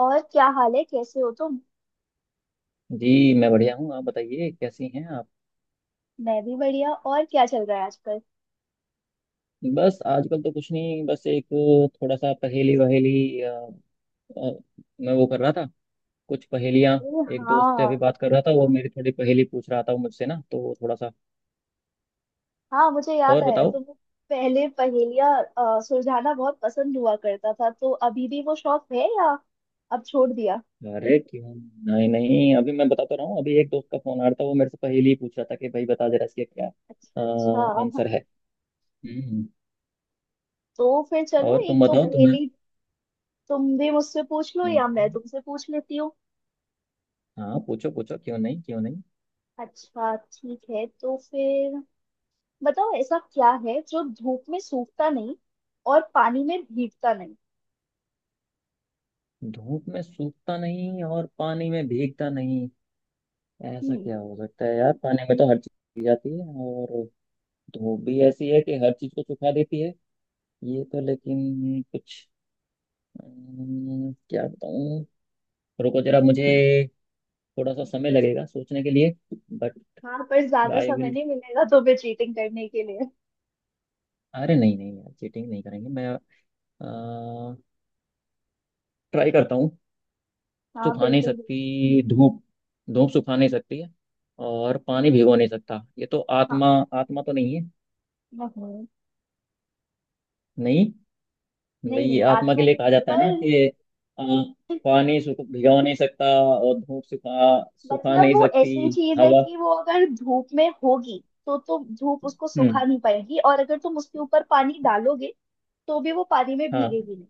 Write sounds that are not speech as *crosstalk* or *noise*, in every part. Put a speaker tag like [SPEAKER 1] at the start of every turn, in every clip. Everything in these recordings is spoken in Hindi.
[SPEAKER 1] और क्या हाल है, कैसे हो तुम?
[SPEAKER 2] जी मैं बढ़िया हूँ। आप बताइए कैसी हैं आप।
[SPEAKER 1] मैं भी बढ़िया। और क्या चल रहा है आजकल?
[SPEAKER 2] बस आजकल तो कुछ नहीं, बस एक थोड़ा सा पहेली वहेली अ, मैं वो कर रहा था, कुछ पहेलियाँ।
[SPEAKER 1] अरे
[SPEAKER 2] एक दोस्त से अभी
[SPEAKER 1] हाँ,
[SPEAKER 2] बात कर रहा था, वो मेरी थोड़ी पहेली पूछ रहा था वो मुझसे ना, तो वो थोड़ा सा।
[SPEAKER 1] हाँ मुझे याद
[SPEAKER 2] और
[SPEAKER 1] आया,
[SPEAKER 2] बताओ।
[SPEAKER 1] तुम पहले पहेलियाँ सुलझाना बहुत पसंद हुआ करता था। तो अभी भी वो शौक है या अब छोड़ दिया?
[SPEAKER 2] अरे क्यों नहीं नहीं, अभी मैं बताता रहा हूँ, अभी एक दोस्त का फोन आ रहा था, वो मेरे से पहेली ही पूछ रहा था कि भाई बता जरा इसके क्या
[SPEAKER 1] अच्छा अच्छा।
[SPEAKER 2] आंसर है। हम्म,
[SPEAKER 1] तो फिर चलो
[SPEAKER 2] और तुम
[SPEAKER 1] एक दो
[SPEAKER 2] बताओ तुम्हें।
[SPEAKER 1] पहेली, तुम भी मुझसे पूछ लो या मैं
[SPEAKER 2] हम्म,
[SPEAKER 1] तुमसे पूछ लेती हूँ।
[SPEAKER 2] हाँ पूछो पूछो, क्यों नहीं क्यों नहीं।
[SPEAKER 1] अच्छा ठीक है, तो फिर बताओ, ऐसा क्या है जो धूप में सूखता नहीं और पानी में भीगता नहीं?
[SPEAKER 2] धूप में सूखता नहीं और पानी में भीगता नहीं। ऐसा क्या हो सकता है यार, पानी में तो हर चीज जाती है और धूप भी ऐसी है कि हर चीज को सुखा देती है। ये तो लेकिन कुछ, क्या बताऊं। रुको जरा, मुझे थोड़ा सा समय लगेगा सोचने के लिए, बट
[SPEAKER 1] हाँ पर ज्यादा
[SPEAKER 2] आई
[SPEAKER 1] समय
[SPEAKER 2] विल।
[SPEAKER 1] नहीं मिलेगा तुम्हें चीटिंग करने के लिए।
[SPEAKER 2] अरे नहीं नहीं यार, चीटिंग नहीं करेंगे, मैं ट्राई करता हूँ।
[SPEAKER 1] हाँ
[SPEAKER 2] सुखा नहीं
[SPEAKER 1] बिल्कुल बिल्कुल।
[SPEAKER 2] सकती धूप। धूप सुखा नहीं सकती है और पानी भिगो नहीं सकता। ये तो आत्मा, आत्मा तो नहीं है।
[SPEAKER 1] हाँ, नहीं
[SPEAKER 2] नहीं। भाई
[SPEAKER 1] नहीं,
[SPEAKER 2] ये
[SPEAKER 1] नहीं
[SPEAKER 2] आत्मा के
[SPEAKER 1] आत्मा
[SPEAKER 2] लिए कहा
[SPEAKER 1] नहीं,
[SPEAKER 2] जाता है
[SPEAKER 1] पर
[SPEAKER 2] ना कि, अ, पानी सुख भिगो नहीं सकता और धूप सुखा सुखा
[SPEAKER 1] मतलब
[SPEAKER 2] नहीं
[SPEAKER 1] वो
[SPEAKER 2] सकती।
[SPEAKER 1] ऐसी चीज है
[SPEAKER 2] हवा।
[SPEAKER 1] कि वो अगर धूप में होगी तो धूप उसको सुखा
[SPEAKER 2] हम्म,
[SPEAKER 1] नहीं पाएगी, और अगर तुम उसके ऊपर पानी डालोगे तो भी वो पानी में
[SPEAKER 2] हाँ।
[SPEAKER 1] भीगेगी नहीं।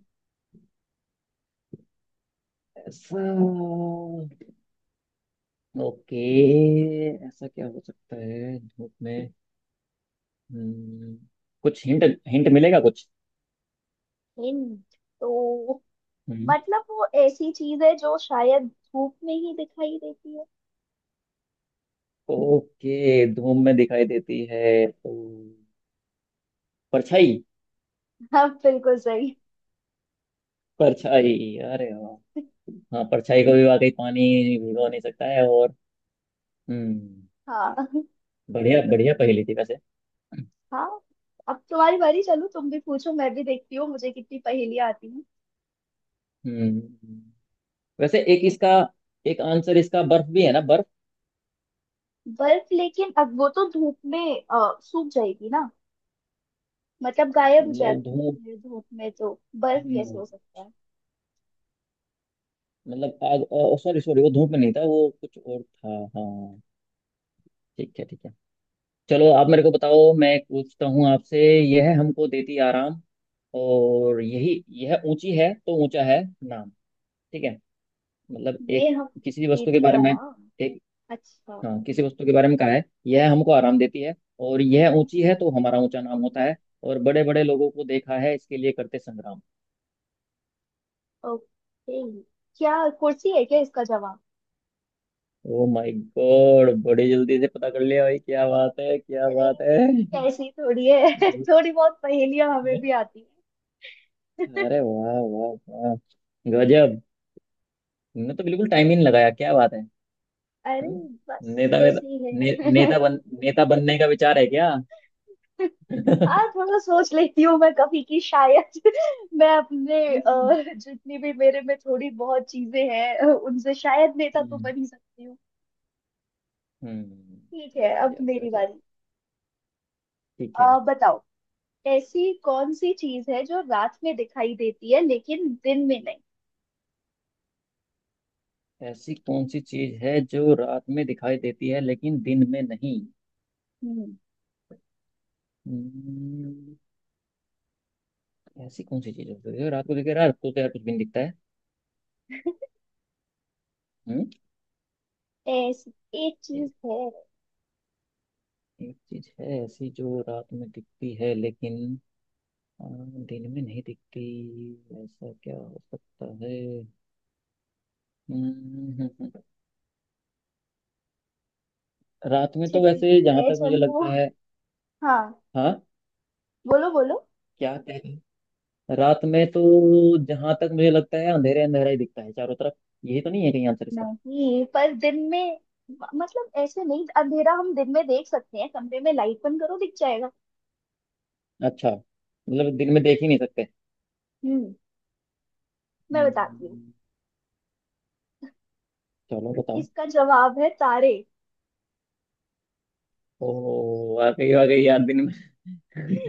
[SPEAKER 2] ऐसा। ओके। ऐसा क्या हो सकता है धूप में। हम्म कुछ हिंट हिंट मिलेगा कुछ।
[SPEAKER 1] हिंट तो
[SPEAKER 2] हम्म
[SPEAKER 1] मतलब वो ऐसी चीज है जो शायद धूप में ही दिखाई देती है।
[SPEAKER 2] ओके, धूप में दिखाई देती है तो परछाई।
[SPEAKER 1] हाँ बिल्कुल सही।
[SPEAKER 2] परछाई, अरे वाह। हाँ परछाई को भी वाकई पानी भिगो नहीं सकता है और हम्म
[SPEAKER 1] हाँ
[SPEAKER 2] बढ़िया बढ़िया पहेली थी वैसे।
[SPEAKER 1] हाँ, अब तुम्हारी बारी। चलो तुम भी पूछो, मैं भी देखती हूँ मुझे कितनी पहेलियां आती हैं।
[SPEAKER 2] हम्म वैसे एक इसका, एक आंसर इसका बर्फ भी है ना, बर्फ।
[SPEAKER 1] बर्फ लेकिन अब वो तो धूप में सूख जाएगी ना। मतलब गायब हो
[SPEAKER 2] मतलब धूप।
[SPEAKER 1] जाती है धूप में, तो बर्फ कैसे
[SPEAKER 2] हम्म,
[SPEAKER 1] हो सकता है?
[SPEAKER 2] मतलब आग। सॉरी सॉरी, वो धूप में नहीं था, वो कुछ और था। हाँ ठीक है ठीक है। चलो आप मेरे को बताओ, मैं एक पूछता हूँ आपसे। यह हमको देती आराम, और यही यह ऊंची है तो ऊंचा है नाम। ठीक है, मतलब एक,
[SPEAKER 1] ये हम
[SPEAKER 2] किसी भी वस्तु के
[SPEAKER 1] देती
[SPEAKER 2] बारे में,
[SPEAKER 1] आराम।
[SPEAKER 2] एक,
[SPEAKER 1] अच्छा।
[SPEAKER 2] हाँ, किसी वस्तु के बारे में कहा है यह हमको आराम देती है और यह ऊंची है तो हमारा ऊंचा नाम होता है और बड़े बड़े लोगों को देखा है इसके लिए करते संग्राम।
[SPEAKER 1] ओके। क्या, कुर्सी है क्या इसका जवाब?
[SPEAKER 2] ओ माय गॉड, बड़ी जल्दी से पता कर लिया भाई, क्या बात है क्या
[SPEAKER 1] अरे,
[SPEAKER 2] बात है।
[SPEAKER 1] ऐसी थोड़ी है *laughs*
[SPEAKER 2] बहुत
[SPEAKER 1] थोड़ी बहुत पहेलियां हमें
[SPEAKER 2] है।
[SPEAKER 1] भी आती है।
[SPEAKER 2] अरे वाह वाह। वाह। गजब। ने तो बिल्कुल टाइम ही नहीं लगाया, क्या बात है।
[SPEAKER 1] अरे
[SPEAKER 2] हम्म?
[SPEAKER 1] बस
[SPEAKER 2] नेता वेता।
[SPEAKER 1] ऐसी ही है।
[SPEAKER 2] नेता बनने का विचार है क्या।
[SPEAKER 1] *laughs*
[SPEAKER 2] *laughs* हम्म
[SPEAKER 1] हाँ थोड़ा सोच लेती हूँ, मैं कभी की शायद मैं अपने जितनी भी मेरे में थोड़ी बहुत चीजें हैं, उनसे शायद नेता तो बन ही सकती हूँ।
[SPEAKER 2] हम्म,
[SPEAKER 1] ठीक है, अब
[SPEAKER 2] गजब
[SPEAKER 1] मेरी
[SPEAKER 2] गजब।
[SPEAKER 1] बारी।
[SPEAKER 2] ठीक है।
[SPEAKER 1] बताओ, ऐसी कौन सी चीज है जो रात में दिखाई देती है लेकिन दिन में नहीं?
[SPEAKER 2] ऐसी कौन सी चीज है जो रात में दिखाई देती है लेकिन दिन में नहीं।
[SPEAKER 1] हम्म।
[SPEAKER 2] हम्म, ऐसी कौन सी चीज हो सकती है, रात को दिखे। रात को तो यार कुछ भी नहीं दिखता है। हम्म
[SPEAKER 1] ऐसी एक चीज है।
[SPEAKER 2] एक चीज है ऐसी जो रात में दिखती है लेकिन अ, दिन में नहीं दिखती। ऐसा क्या हो सकता है। हम्म, रात में
[SPEAKER 1] अच्छा
[SPEAKER 2] तो
[SPEAKER 1] ठीक
[SPEAKER 2] वैसे जहां
[SPEAKER 1] है
[SPEAKER 2] तक मुझे
[SPEAKER 1] चलो।
[SPEAKER 2] लगता है,
[SPEAKER 1] हाँ
[SPEAKER 2] हाँ।
[SPEAKER 1] बोलो बोलो।
[SPEAKER 2] क्या कह रहे हैं? रात में तो जहां तक मुझे लगता है अंधेरे अंधेरा ही दिखता है चारों तरफ। यही तो नहीं है कहीं आंसर इसका।
[SPEAKER 1] नहीं पर दिन में, मतलब ऐसे नहीं, अंधेरा हम दिन में देख सकते हैं, कमरे में लाइट बंद करो दिख जाएगा।
[SPEAKER 2] अच्छा मतलब दिन में देख ही नहीं सकते।
[SPEAKER 1] हम्म। मैं बताती हूँ,
[SPEAKER 2] हम्म, चलो बताओ।
[SPEAKER 1] इसका जवाब है तारे।
[SPEAKER 2] ओ, वाकई वाकई यार दिन में।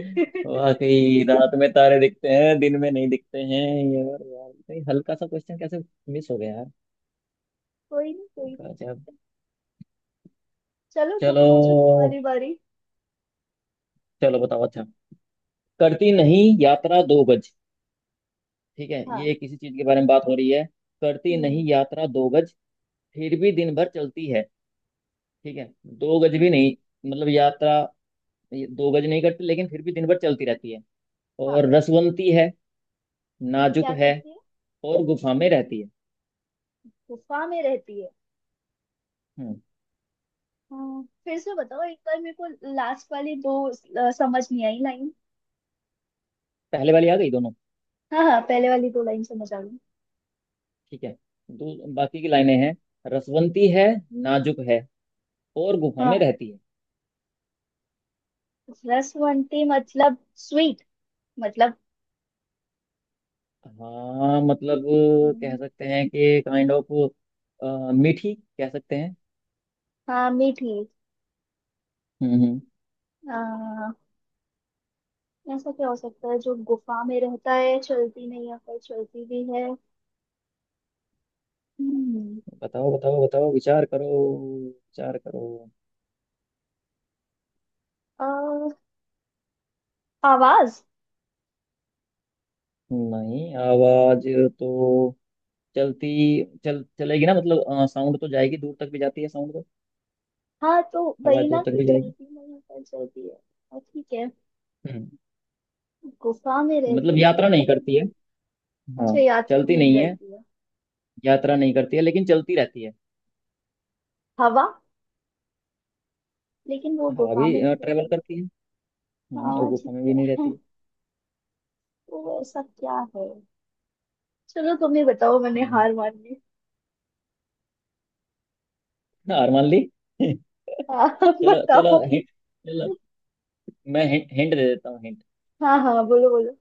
[SPEAKER 2] *laughs* वाकई रात में तारे दिखते हैं, दिन में नहीं दिखते हैं। यार यार, कहीं हल्का सा क्वेश्चन कैसे मिस हो गया यार।
[SPEAKER 1] कोई नहीं कोई नहीं,
[SPEAKER 2] गजब।
[SPEAKER 1] चलो तुम
[SPEAKER 2] चलो
[SPEAKER 1] पूछो, तुम्हारी बारी।
[SPEAKER 2] चलो बताओ, अच्छा, करती नहीं यात्रा दो गज। ठीक है,
[SPEAKER 1] हाँ।
[SPEAKER 2] ये किसी चीज के बारे में बात हो रही है। करती नहीं
[SPEAKER 1] हम्म।
[SPEAKER 2] यात्रा दो गज, फिर भी दिन भर चलती है। ठीक है। दो गज भी
[SPEAKER 1] हम्म,
[SPEAKER 2] नहीं, मतलब यात्रा, ये दो गज नहीं करती लेकिन फिर भी दिन भर चलती रहती है।
[SPEAKER 1] हाँ।
[SPEAKER 2] और रसवंती है, नाजुक
[SPEAKER 1] क्या
[SPEAKER 2] है
[SPEAKER 1] करती है?
[SPEAKER 2] और गुफा में रहती है।
[SPEAKER 1] गुफा में रहती है?
[SPEAKER 2] हम्म।
[SPEAKER 1] हाँ फिर से बताओ एक बार मेरे को, लास्ट वाली दो समझ नहीं आई लाइन।
[SPEAKER 2] पहले वाली आ गई दोनों।
[SPEAKER 1] हाँ हाँ, पहले वाली दो लाइन समझ आ गई।
[SPEAKER 2] ठीक है, दो बाकी की लाइनें हैं। रसवंती है, नाजुक है और गुफा में
[SPEAKER 1] हाँ।
[SPEAKER 2] रहती है।
[SPEAKER 1] रसवंती मतलब स्वीट मतलब।
[SPEAKER 2] हाँ मतलब, कह
[SPEAKER 1] हम्म,
[SPEAKER 2] सकते हैं कि काइंड ऑफ मीठी, कह सकते हैं।
[SPEAKER 1] हाँ मीठी।
[SPEAKER 2] हम्म। हम्म।
[SPEAKER 1] आ, ऐसा क्या हो सकता है जो गुफा में रहता है, चलती नहीं है पर चलती भी है? हम्म,
[SPEAKER 2] बताओ बताओ बताओ, विचार करो, विचार करो।
[SPEAKER 1] अ, आवाज।
[SPEAKER 2] नहीं, आवाज तो चलती, चल चलेगी ना, मतलब साउंड तो जाएगी, दूर तक भी जाती है साउंड तो।
[SPEAKER 1] हाँ तो वही
[SPEAKER 2] आवाज
[SPEAKER 1] ना
[SPEAKER 2] दूर तक
[SPEAKER 1] कि
[SPEAKER 2] भी जाएगी।
[SPEAKER 1] चलती नहीं पर चलती है, और ठीक है
[SPEAKER 2] हम्म
[SPEAKER 1] गुफा में
[SPEAKER 2] मतलब
[SPEAKER 1] रहती है
[SPEAKER 2] यात्रा नहीं
[SPEAKER 1] गुफा
[SPEAKER 2] करती है।
[SPEAKER 1] में-।
[SPEAKER 2] हाँ।
[SPEAKER 1] अच्छा, यात्रा
[SPEAKER 2] चलती
[SPEAKER 1] नहीं
[SPEAKER 2] नहीं है,
[SPEAKER 1] करती है।
[SPEAKER 2] यात्रा नहीं करती है लेकिन चलती रहती है।
[SPEAKER 1] हवा, लेकिन वो
[SPEAKER 2] हवा
[SPEAKER 1] गुफा
[SPEAKER 2] भी
[SPEAKER 1] में नहीं
[SPEAKER 2] ट्रेवल
[SPEAKER 1] रहती है।
[SPEAKER 2] करती है। और
[SPEAKER 1] हाँ
[SPEAKER 2] गुफा
[SPEAKER 1] ठीक
[SPEAKER 2] में भी नहीं
[SPEAKER 1] है।
[SPEAKER 2] रहती है।
[SPEAKER 1] *laughs* तो ऐसा क्या है? चलो तुम ही बताओ, मैंने
[SPEAKER 2] हम्म,
[SPEAKER 1] हार मान ली।
[SPEAKER 2] हार मान ली। *laughs*
[SPEAKER 1] हाँ। *laughs*
[SPEAKER 2] चलो चलो,
[SPEAKER 1] बताओ।
[SPEAKER 2] हिंट। चलो मैं हिंट दे देता हूँ, हिंट।
[SPEAKER 1] हाँ हाँ बोलो बोलो।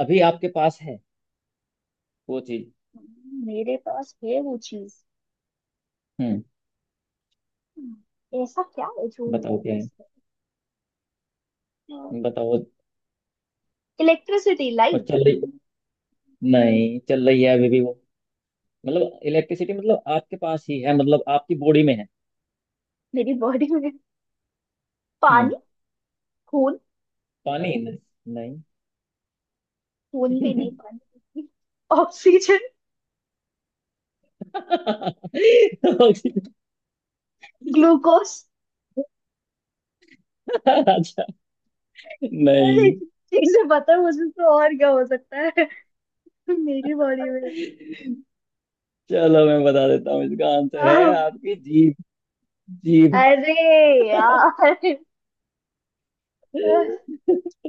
[SPEAKER 2] अभी आपके पास है वो चीज।
[SPEAKER 1] मेरे पास है वो चीज?
[SPEAKER 2] हम्म
[SPEAKER 1] ऐसा क्या है जो मेरे
[SPEAKER 2] बताओ क्या है,
[SPEAKER 1] पास है?
[SPEAKER 2] बताओ।
[SPEAKER 1] इलेक्ट्रिसिटी,
[SPEAKER 2] और
[SPEAKER 1] लाइट।
[SPEAKER 2] चल रही, नहीं चल रही है अभी भी वो। मतलब इलेक्ट्रिसिटी, मतलब आपके पास ही है, मतलब आपकी बॉडी में है।
[SPEAKER 1] मेरी बॉडी में?
[SPEAKER 2] हम्म
[SPEAKER 1] पानी, खून।
[SPEAKER 2] पानी नहीं नहीं।
[SPEAKER 1] खून भी नहीं, पानी, ऑक्सीजन,
[SPEAKER 2] *laughs*
[SPEAKER 1] ग्लूकोज।
[SPEAKER 2] अच्छा।
[SPEAKER 1] अरे,
[SPEAKER 2] नहीं।
[SPEAKER 1] चीजें पता है मुझे। तो और क्या हो सकता है मेरी बॉडी में?
[SPEAKER 2] चलो मैं बता देता हूँ, इसका आंसर है
[SPEAKER 1] हाँ।
[SPEAKER 2] आपकी जीभ। जीभ।
[SPEAKER 1] अरे यार,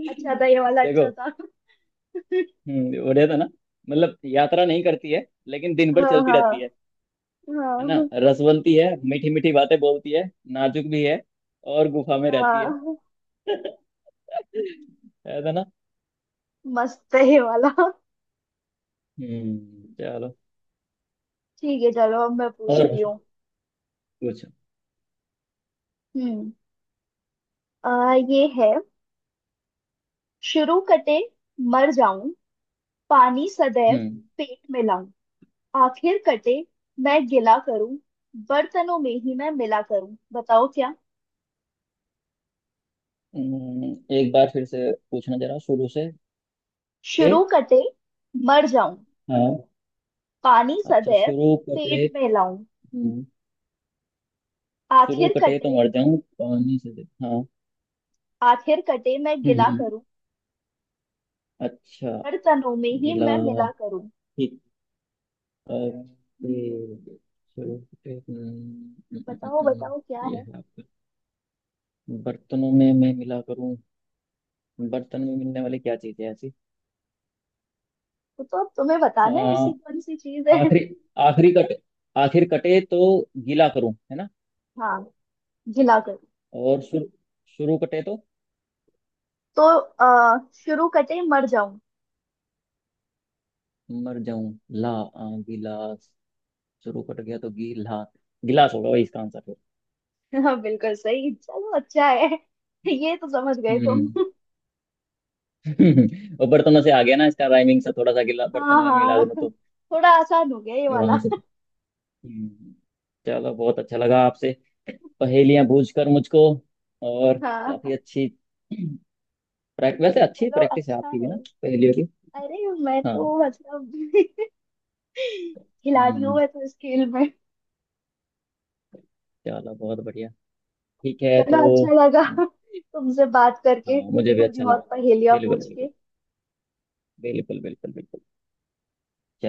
[SPEAKER 1] अच्छा था ये वाला, अच्छा
[SPEAKER 2] देखो।
[SPEAKER 1] था।
[SPEAKER 2] बढ़िया था ना। मतलब यात्रा नहीं करती है लेकिन दिन भर
[SPEAKER 1] हाँ
[SPEAKER 2] चलती
[SPEAKER 1] हाँ।
[SPEAKER 2] रहती है ना।
[SPEAKER 1] हाँ
[SPEAKER 2] रसवंती है, मीठी मीठी बातें बोलती है, नाजुक भी है और गुफा में रहती है।
[SPEAKER 1] हाँ।
[SPEAKER 2] *laughs* है, था ना।
[SPEAKER 1] मस्त है ये वाला।
[SPEAKER 2] चलो।
[SPEAKER 1] ठीक है चलो, अब मैं
[SPEAKER 2] और
[SPEAKER 1] पूछती हूँ।
[SPEAKER 2] पूछो।
[SPEAKER 1] हम्म। ये है, शुरू कटे मर जाऊं, पानी सदैव
[SPEAKER 2] हम्म,
[SPEAKER 1] पेट में, आखिर कटे मैं गिला करूं, बर्तनों में ही मैं मिला करूं। बताओ क्या।
[SPEAKER 2] एक बार फिर से पूछना जरा शुरू से। ए,
[SPEAKER 1] शुरू कटे मर जाऊं,
[SPEAKER 2] हाँ,
[SPEAKER 1] पानी
[SPEAKER 2] अच्छा
[SPEAKER 1] सदैव
[SPEAKER 2] शुरू करते।
[SPEAKER 1] पेट में लाऊं,
[SPEAKER 2] शुरू
[SPEAKER 1] आखिर
[SPEAKER 2] कटे तो
[SPEAKER 1] कटे,
[SPEAKER 2] मर जाऊं, पानी से हाँ।
[SPEAKER 1] आखिर कटे मैं
[SPEAKER 2] हम्म
[SPEAKER 1] गिला
[SPEAKER 2] हम्म।
[SPEAKER 1] करूं,
[SPEAKER 2] अच्छा।
[SPEAKER 1] बर्तनों में ही
[SPEAKER 2] गिला,
[SPEAKER 1] मैं मिला करूं।
[SPEAKER 2] ठीक, ओके, शुरू कटे।
[SPEAKER 1] बताओ बताओ क्या
[SPEAKER 2] ये
[SPEAKER 1] है।
[SPEAKER 2] है आपका, बर्तनों में मैं मिला करूं। बर्तन में मिलने वाली क्या चीज है ऐसी।
[SPEAKER 1] वो तो अब तुम्हें बताना है,
[SPEAKER 2] आ,
[SPEAKER 1] ऐसी कौन सी चीज है।
[SPEAKER 2] आखिरी, आखिरी कटे, आखिर कटे तो गीला करूं, है ना।
[SPEAKER 1] हाँ, गिला करूं।
[SPEAKER 2] और शुरू, शुरू कटे तो
[SPEAKER 1] तो शुरू कटे मर जाऊं।
[SPEAKER 2] मर जाऊं। ला, गिलास। शुरू कट गया तो गीला, गिलास होगा वही इसका आंसर।
[SPEAKER 1] हाँ बिल्कुल सही, चलो अच्छा है, ये तो समझ गए
[SPEAKER 2] फिर।
[SPEAKER 1] तुम।
[SPEAKER 2] *laughs* वो बर्तनों से आ गया ना इसका राइमिंग से, थोड़ा सा गिला
[SPEAKER 1] हाँ
[SPEAKER 2] बर्तनों में मिला
[SPEAKER 1] हाँ,
[SPEAKER 2] दूं तो
[SPEAKER 1] *laughs* थोड़ा आसान हो गया ये वाला।
[SPEAKER 2] वहां से। हम्म, चलो बहुत अच्छा लगा आपसे पहेलियां बूझ कर मुझको,
[SPEAKER 1] *laughs*
[SPEAKER 2] और काफी
[SPEAKER 1] हाँ।
[SPEAKER 2] अच्छी प्रैक्टिस, वैसे अच्छी
[SPEAKER 1] चलो
[SPEAKER 2] प्रैक्टिस है
[SPEAKER 1] अच्छा
[SPEAKER 2] आपकी भी
[SPEAKER 1] है।
[SPEAKER 2] ना पहेलियों की।
[SPEAKER 1] अरे मैं तो
[SPEAKER 2] हाँ।
[SPEAKER 1] मतलब *laughs* खिलाड़ी हूँ
[SPEAKER 2] हम्म
[SPEAKER 1] मैं तो इस खेल में।
[SPEAKER 2] चलो बहुत बढ़िया। ठीक है तो।
[SPEAKER 1] चलो अच्छा लगा *laughs* तुमसे बात
[SPEAKER 2] हाँ
[SPEAKER 1] करके,
[SPEAKER 2] मुझे भी
[SPEAKER 1] थोड़ी
[SPEAKER 2] अच्छा लगा,
[SPEAKER 1] बहुत पहेलियाँ
[SPEAKER 2] बिल्कुल
[SPEAKER 1] पूछ
[SPEAKER 2] बिल्कुल,
[SPEAKER 1] के।
[SPEAKER 2] बिल्कुल बिल्कुल बिल्कुल। चलो।